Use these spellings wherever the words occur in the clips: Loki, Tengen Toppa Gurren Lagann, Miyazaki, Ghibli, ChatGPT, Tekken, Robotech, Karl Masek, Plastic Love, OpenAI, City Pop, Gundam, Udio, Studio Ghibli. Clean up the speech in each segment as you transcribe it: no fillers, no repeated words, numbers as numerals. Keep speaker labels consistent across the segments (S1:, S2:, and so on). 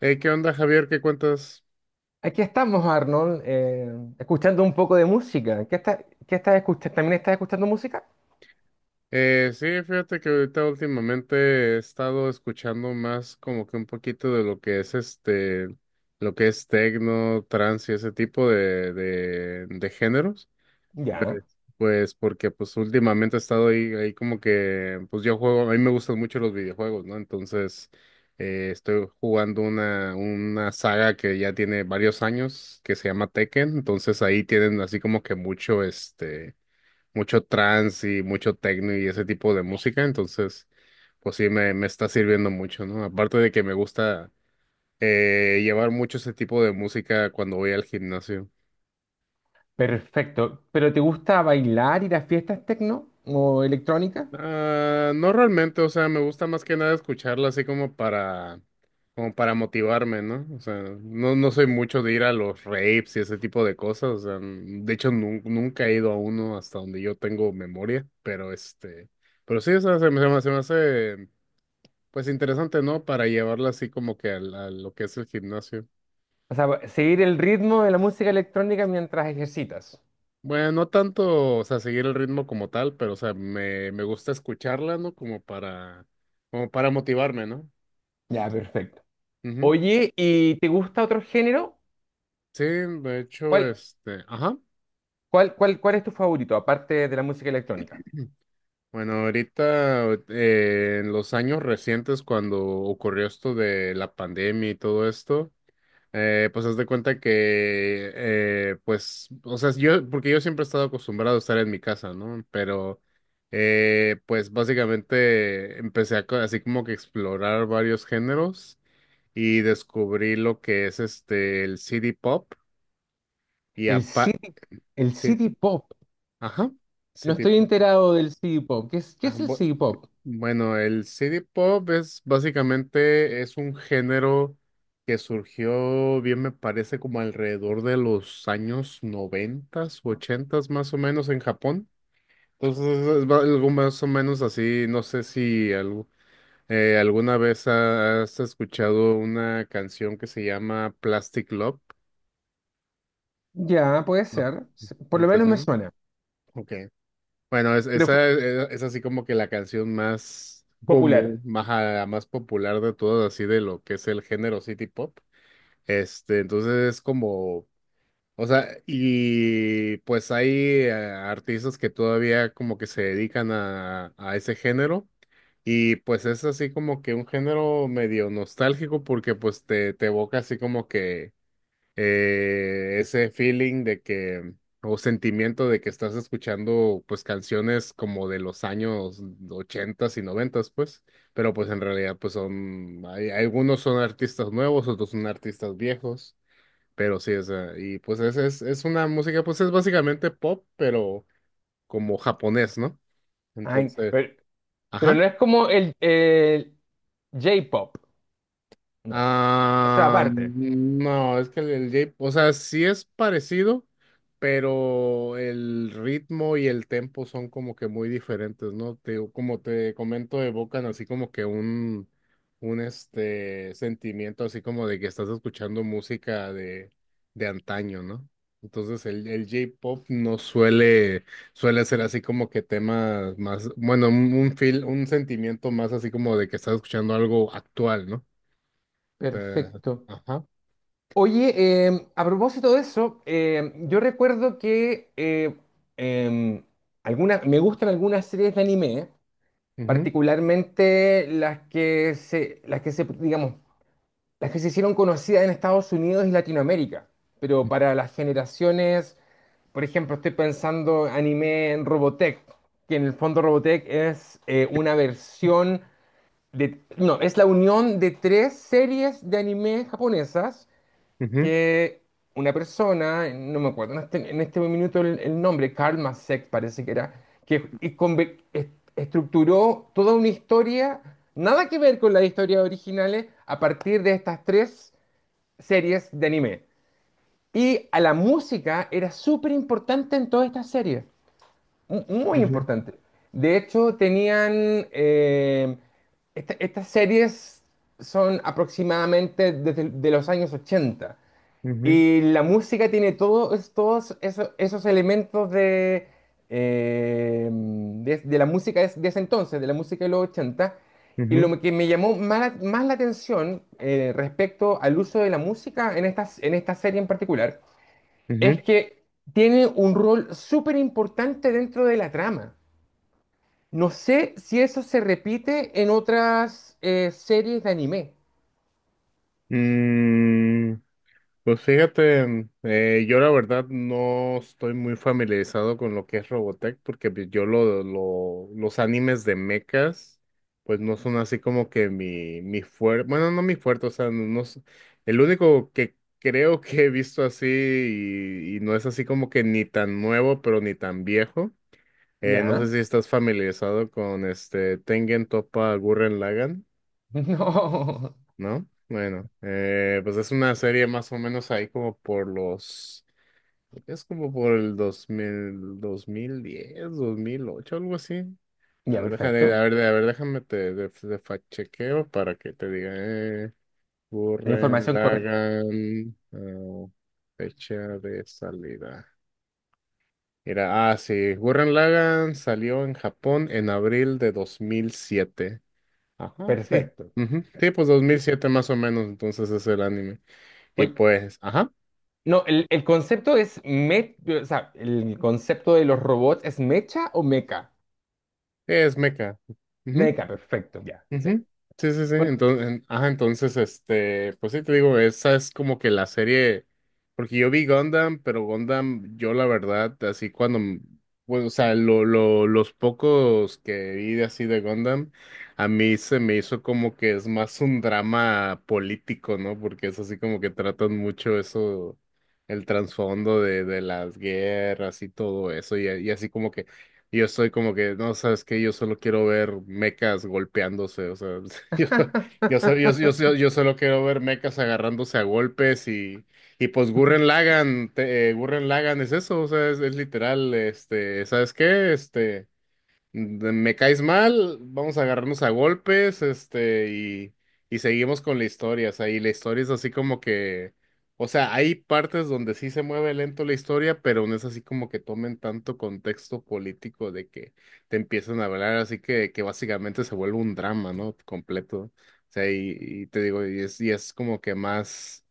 S1: Hey, ¿qué onda, Javier? ¿Qué cuentas?
S2: Aquí estamos, Arnold, escuchando un poco de música. ¿ qué estás escuchando? ¿También estás escuchando música?
S1: Sí, fíjate que ahorita últimamente he estado escuchando más como que un poquito de lo que es lo que es tecno, trance y ese tipo de géneros.
S2: Ya,
S1: Pues porque pues últimamente he estado ahí como que, pues yo juego, a mí me gustan mucho los videojuegos, ¿no? Entonces, estoy jugando una saga que ya tiene varios años, que se llama Tekken. Entonces ahí tienen así como que mucho mucho trance y mucho techno y ese tipo de música, entonces, pues sí, me está sirviendo mucho, ¿no? Aparte de que me gusta llevar mucho ese tipo de música cuando voy al gimnasio.
S2: perfecto. ¿Pero te gusta bailar, ir a fiestas tecno o electrónica?
S1: Ah, no realmente, o sea, me gusta más que nada escucharla así como para motivarme, ¿no? O sea, no, no soy mucho de ir a los raves y ese tipo de cosas, o sea, de hecho nunca he ido a uno hasta donde yo tengo memoria, pero pero sí, o sea, se me hace pues interesante, ¿no? Para llevarla así como que a, lo que es el gimnasio.
S2: O sea, seguir el ritmo de la música electrónica mientras ejercitas.
S1: Bueno, no tanto, o sea, seguir el ritmo como tal, pero, o sea, me gusta escucharla, ¿no? Como para motivarme, ¿no?
S2: Ya, perfecto.
S1: Ujú.
S2: Oye, ¿y te gusta otro género?
S1: Sí, de hecho,
S2: ¿Cuál,
S1: ajá.
S2: cuál es tu favorito, aparte de la música electrónica?
S1: Bueno, ahorita, en los años recientes, cuando ocurrió esto de la pandemia y todo esto. Pues haz de cuenta que, pues, o sea, yo, porque yo siempre he estado acostumbrado a estar en mi casa, ¿no? Pero, pues básicamente empecé a así como que explorar varios géneros y descubrí lo que es el city pop y
S2: El
S1: apa,
S2: city, el
S1: sí,
S2: city pop.
S1: ajá,
S2: No
S1: city
S2: estoy
S1: pop.
S2: enterado del city pop. ¿ qué
S1: Ajá,
S2: es el city pop?
S1: Bueno, el CD pop es básicamente es un género que surgió, bien me parece, como alrededor de los años noventas, ochentas más o menos en Japón. Entonces es algo más o menos así. No sé si alguna vez has escuchado una canción que se llama Plastic Love.
S2: Ya, puede
S1: ¿No?
S2: ser. Se- Por
S1: ¿No
S2: lo
S1: te
S2: menos me
S1: suena?
S2: suena.
S1: Ok. Bueno, es,
S2: Pero fu-
S1: esa es, e, es así como que la canción más
S2: popular.
S1: común, más popular de todas, así de lo que es el género City Pop. Entonces es como, o sea, y pues hay artistas que todavía como que se dedican a ese género. Y pues es así como que un género medio nostálgico porque pues te evoca así como que ese feeling de que, o sentimiento de que estás escuchando, pues, canciones como de los años ochentas y noventas, pues, pero pues en realidad, pues son, hay, algunos son artistas nuevos, otros son artistas viejos, pero sí, o sea, y pues es una música, pues es básicamente pop, pero como japonés, ¿no?
S2: Ay,
S1: Entonces,
S2: pero
S1: ajá.
S2: no es como el J-pop. No. Esa
S1: Ah,
S2: aparte.
S1: no, es que el o sea, sí es parecido, pero el ritmo y el tempo son como que muy diferentes, ¿no? Te, digo, como te comento, evocan así como que un este sentimiento así como de que estás escuchando música de antaño, ¿no? Entonces el J-pop no suele, suele ser así como que temas más, bueno, un feel, un sentimiento más así como de que estás escuchando algo actual, ¿no? Eh,
S2: Perfecto.
S1: ajá.
S2: Oye, a propósito de eso, yo recuerdo que em, alguna- me gustan algunas series de anime,
S1: Ujú,
S2: particularmente digamos, las que se hicieron conocidas en Estados Unidos y Latinoamérica, pero para las generaciones. Por ejemplo, estoy pensando anime en Robotech, que en el fondo Robotech es una versión de... No, es la unión de tres series de anime japonesas
S1: ujú,
S2: que una persona, no me acuerdo en en este minuto el nombre, Karl Masek parece que era, que y conver- est- estructuró toda una historia, nada que ver con las historias originales, a partir de estas tres series de anime. Y a la música era súper importante en todas estas series muy
S1: ujú,
S2: importante. De hecho, tenían... estas series son aproximadamente desde de los años ochenta.
S1: ujú,
S2: Y la música tiene todos elementos de, de la música de ese entonces, de la música de los ochenta. Y
S1: ujú,
S2: lo que me llamó más la atención respecto al uso de la música en en esta serie en particular es
S1: ujú.
S2: que tiene un rol súper importante dentro de la trama. No sé si eso se repite en otras series de anime.
S1: Mm, pues fíjate, yo la verdad no estoy muy familiarizado con lo que es Robotech, porque pues yo los animes de mechas, pues no son así como que mi fuerte, bueno, no mi fuerte, o sea, no, no el único que creo que he visto así y no es así como que ni tan nuevo, pero ni tan viejo. No sé
S2: Ya.
S1: si estás familiarizado con este Tengen Toppa Gurren Lagann,
S2: No.
S1: ¿no? Bueno, pues es una serie más o menos ahí como por los, es como por el dos dos mil 2010 2008 algo así. A
S2: Ya,
S1: ver, déjame, a
S2: perfecto.
S1: ver, a ver, déjame te, de fact chequeo para que te diga,
S2: La
S1: Gurren
S2: información correcta.
S1: Lagann, fecha de salida. Era, ah, sí, Gurren Lagann salió en Japón en abril de 2007. Ajá, sí.
S2: Perfecto.
S1: Ujú, sí, pues
S2: Ya.
S1: 2007 más o menos, entonces es el anime. Y
S2: Oye,
S1: pues, ajá,
S2: no, el concepto es o sea, el concepto de los robots es mecha o meca.
S1: es mecha.
S2: Meca, perfecto, ya. Sí.
S1: Ujú. Sí, sí, sí.
S2: Bueno.
S1: Entonces, ajá, entonces, pues sí te digo, esa es como que la serie, porque yo vi Gundam, pero Gundam, yo la verdad, así cuando, bueno, o sea, los pocos que vi de así de Gundam, a mí se me hizo como que es más un drama político, ¿no? Porque es así como que tratan mucho eso, el trasfondo de las guerras y todo eso, y así como y yo soy como que, no, sabes que yo solo quiero ver mecas golpeándose, o sea, yo, yo, so- yo, yo, yo- yo solo quiero ver mecas agarrándose a golpes y pues Gurren Lagann, Gurren Lagann es eso, o sea, es literal, este, ¿sabes qué? Este me caes mal, vamos a agarrarnos a golpes, este, y seguimos con la historia, o sea, y la historia es así como que, o sea, hay partes donde sí se mueve lento la historia, pero no es así como que tomen tanto contexto político de que te empiezan a hablar, así que básicamente se vuelve un drama, ¿no? Completo, o sea, y te digo, y es como que más,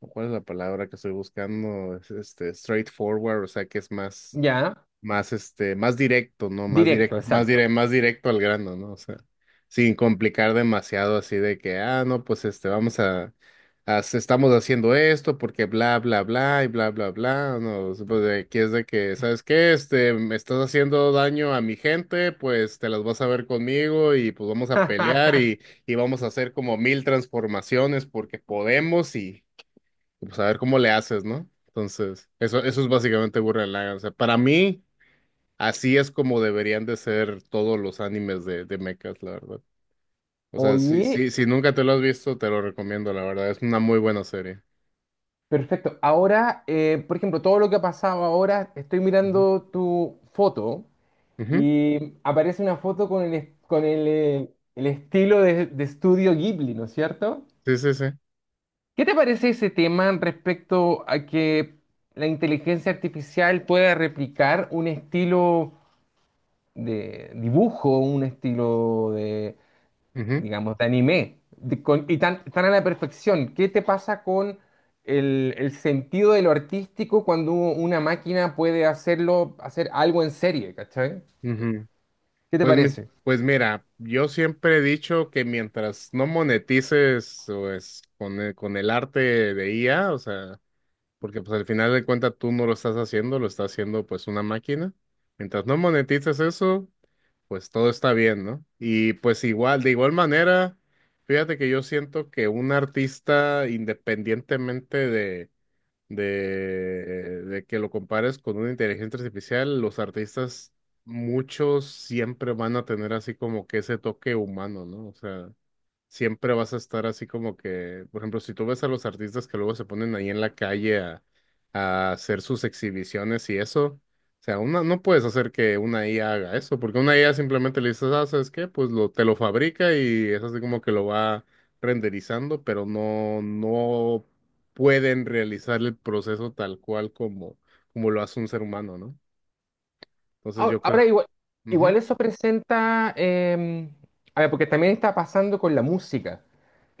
S1: ¿cuál es la palabra que estoy buscando? Es, este, straightforward, o sea, que es
S2: Ya.
S1: más directo, ¿no? Más
S2: Directo,
S1: directo,
S2: exacto.
S1: más directo al grano, ¿no? O sea, sin complicar demasiado así de que, ah, no, pues este, estamos haciendo esto porque bla, bla, bla y bla, bla, bla, no, o sea, pues de aquí es de que, ¿sabes qué? Este, me estás haciendo daño a mi gente, pues te las vas a ver conmigo y pues vamos a pelear y, y vamos a hacer como mil transformaciones porque podemos y pues a ver cómo le haces, ¿no? Entonces, eso es básicamente Gurren Lagann. O sea, para mí, así es como deberían de ser todos los animes de mechas, la verdad. O sea, si,
S2: Oye,
S1: si, si nunca te lo has visto, te lo recomiendo, la verdad. Es una muy buena serie.
S2: perfecto. Ahora, por ejemplo, todo lo que ha pasado ahora, estoy
S1: Ujú.
S2: mirando tu foto.
S1: Ujú.
S2: Y aparece una foto con con el estilo de estudio Ghibli, ¿no es cierto?
S1: Sí, sí, sí.
S2: ¿Qué te parece ese tema respecto a que la inteligencia artificial pueda replicar un estilo de dibujo, un estilo de,
S1: Ujú.
S2: digamos, de anime, y tan, tan a la perfección? ¿Qué te pasa con el sentido de lo artístico cuando una máquina puede hacerlo, hacer algo en serie, ¿cachai?
S1: Ujú.
S2: ¿Qué te
S1: Pues,
S2: parece?
S1: pues mira, yo siempre he dicho que mientras no monetices pues, con el arte de IA, o sea, porque pues al final de cuentas tú no lo estás haciendo, lo está haciendo pues una máquina. Mientras no monetices eso, pues todo está bien, ¿no? Y pues igual, de igual manera, fíjate que yo siento que un artista, independientemente de, de que lo compares con una inteligencia artificial, los artistas, muchos siempre van a tener así como que ese toque humano, ¿no? O sea, siempre vas a estar así como que, por ejemplo, si tú ves a los artistas que luego se ponen ahí en la calle a hacer sus exhibiciones y eso, o sea, una, no puedes hacer que una IA haga eso, porque una IA simplemente le dices, ah, ¿sabes qué? Pues lo, te lo fabrica y es así como que lo va renderizando, pero no, no pueden realizar el proceso tal cual como, como lo hace un ser humano, ¿no? Entonces
S2: Ahora,
S1: yo creo.
S2: ahora igual, igual
S1: Ujú,
S2: eso presenta, a ver, porque también está pasando con la música.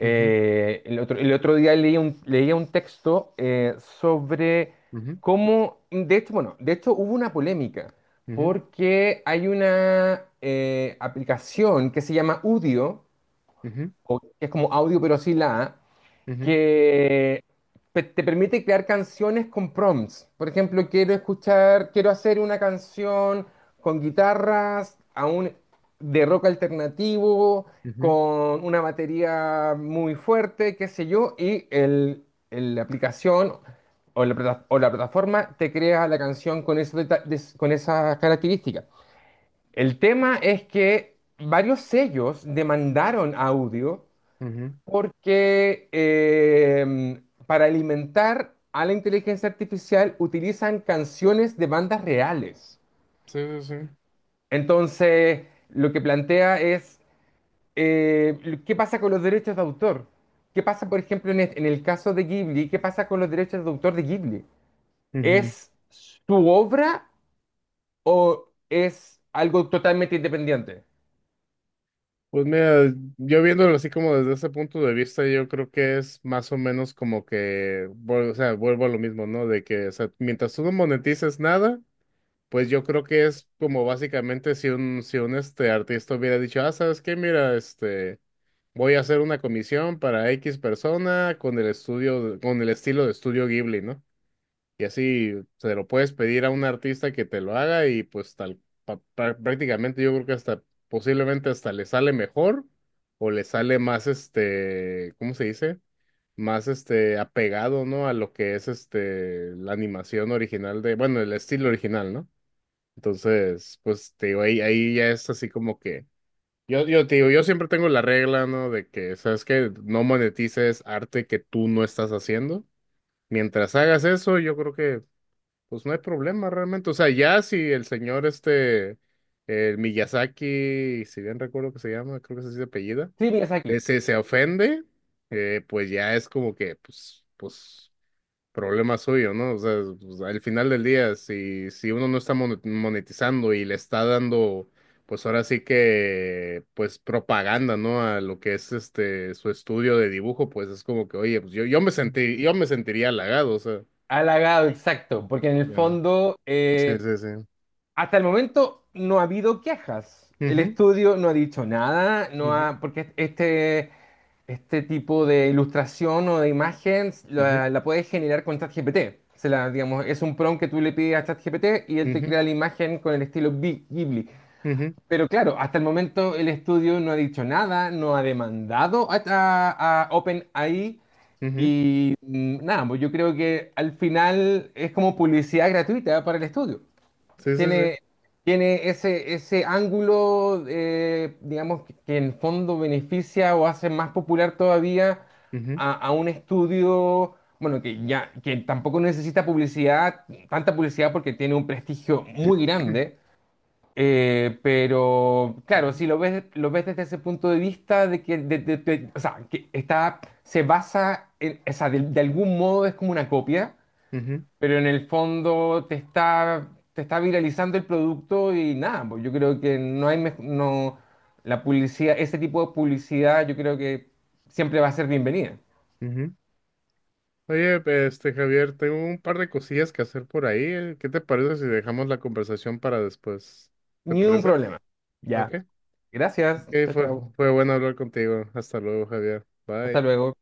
S1: ujú,
S2: el otro, El otro día leía un texto sobre
S1: ujú,
S2: cómo, de hecho, bueno, de hecho hubo una polémica,
S1: ujú,
S2: porque hay una aplicación que se llama Udio,
S1: ujú,
S2: o que es como audio pero sin la A,
S1: ujú,
S2: que te permite crear canciones con prompts. Por ejemplo, quiero escuchar, quiero hacer una canción con guitarras aún de rock alternativo,
S1: ujú,
S2: con una batería muy fuerte, qué sé yo, y la aplicación o la plataforma te crea la canción con, con esas características. El tema es que varios sellos demandaron audio
S1: ujú.
S2: porque para alimentar a la inteligencia artificial utilizan canciones de bandas reales.
S1: Sí, sí, sí.
S2: Entonces, lo que plantea es, eh, ¿qué pasa con los derechos de autor? ¿Qué pasa, por ejemplo, en en el caso de Ghibli? ¿Qué pasa con los derechos de autor de Ghibli?
S1: Ujú.
S2: ¿Es su obra o es algo totalmente independiente?
S1: Pues mira, yo viéndolo así como desde ese punto de vista, yo creo que es más o menos como que, o sea, vuelvo a lo mismo, ¿no? De que, o sea, mientras tú no monetices nada, pues yo creo que es como básicamente si un artista hubiera dicho, ah, ¿sabes qué? Mira, este, voy a hacer una comisión para X persona con el estudio, con el estilo de estudio Ghibli, ¿no? Y así se lo puedes pedir a un artista que te lo haga y pues tal, prácticamente yo creo que hasta posiblemente hasta le sale mejor o le sale más este, ¿cómo se dice? Más este apegado, ¿no? A lo que es este la animación original de, bueno, el estilo original, ¿no? Entonces, pues te digo, ahí ya es así como que yo te digo, yo siempre tengo la regla, ¿no? De que, ¿sabes qué? No monetices arte que tú no estás haciendo. Mientras hagas eso, yo creo que pues no hay problema realmente. O sea, ya si el señor este, el Miyazaki, si bien recuerdo que se llama, creo que es así de apellida,
S2: Sí, aquí
S1: se ofende, pues ya es como que, problema suyo, ¿no? O sea, pues, al final del día, si uno no está monetizando y le está dando, pues ahora sí que, pues, propaganda, ¿no? A lo que es este, su estudio de dibujo, pues es como que, oye, pues yo me sentiría halagado, o sea.
S2: halagado, exacto, porque en el
S1: Ya.
S2: fondo...
S1: Sí, sí, sí.
S2: hasta el momento no ha habido quejas. El
S1: Ujú,
S2: estudio no ha dicho nada, no
S1: ujú,
S2: ha, porque este tipo de ilustración o de imagen
S1: ujú,
S2: la puedes generar con ChatGPT. Digamos, es un prompt que tú le pides a ChatGPT y él te
S1: ujú,
S2: crea la imagen con el estilo Ghibli.
S1: ujú,
S2: Pero claro, hasta el momento el estudio no ha dicho nada, no ha demandado a OpenAI
S1: ujú.
S2: y mm, nada, pues yo creo que al final es como publicidad gratuita para el estudio
S1: Sí, sí, sí.
S2: tiene, tiene ese ángulo, digamos, que en el fondo beneficia o hace más popular todavía
S1: Ujú,
S2: a un estudio, bueno, que ya, que tampoco necesita publicidad, tanta publicidad porque tiene un prestigio muy grande. Pero claro,
S1: ujú,
S2: si lo ves, lo ves desde ese punto de vista de que, o sea, que está, se basa en, o sea, de algún modo es como una copia
S1: ujú,
S2: pero en el fondo te está viralizando el producto y nada, pues yo creo que no hay, mej- no, la publicidad, ese tipo de publicidad yo creo que siempre va a ser bienvenida.
S1: ujú. Oye, Javier, tengo un par de cosillas que hacer por ahí. ¿Qué te parece si dejamos la conversación para después? ¿Te
S2: Ni un
S1: parece?
S2: problema. Ya.
S1: Ok.
S2: Gracias,
S1: Ok,
S2: chao,
S1: fue,
S2: chao.
S1: fue bueno hablar contigo. Hasta luego, Javier.
S2: Hasta
S1: Bye.
S2: luego.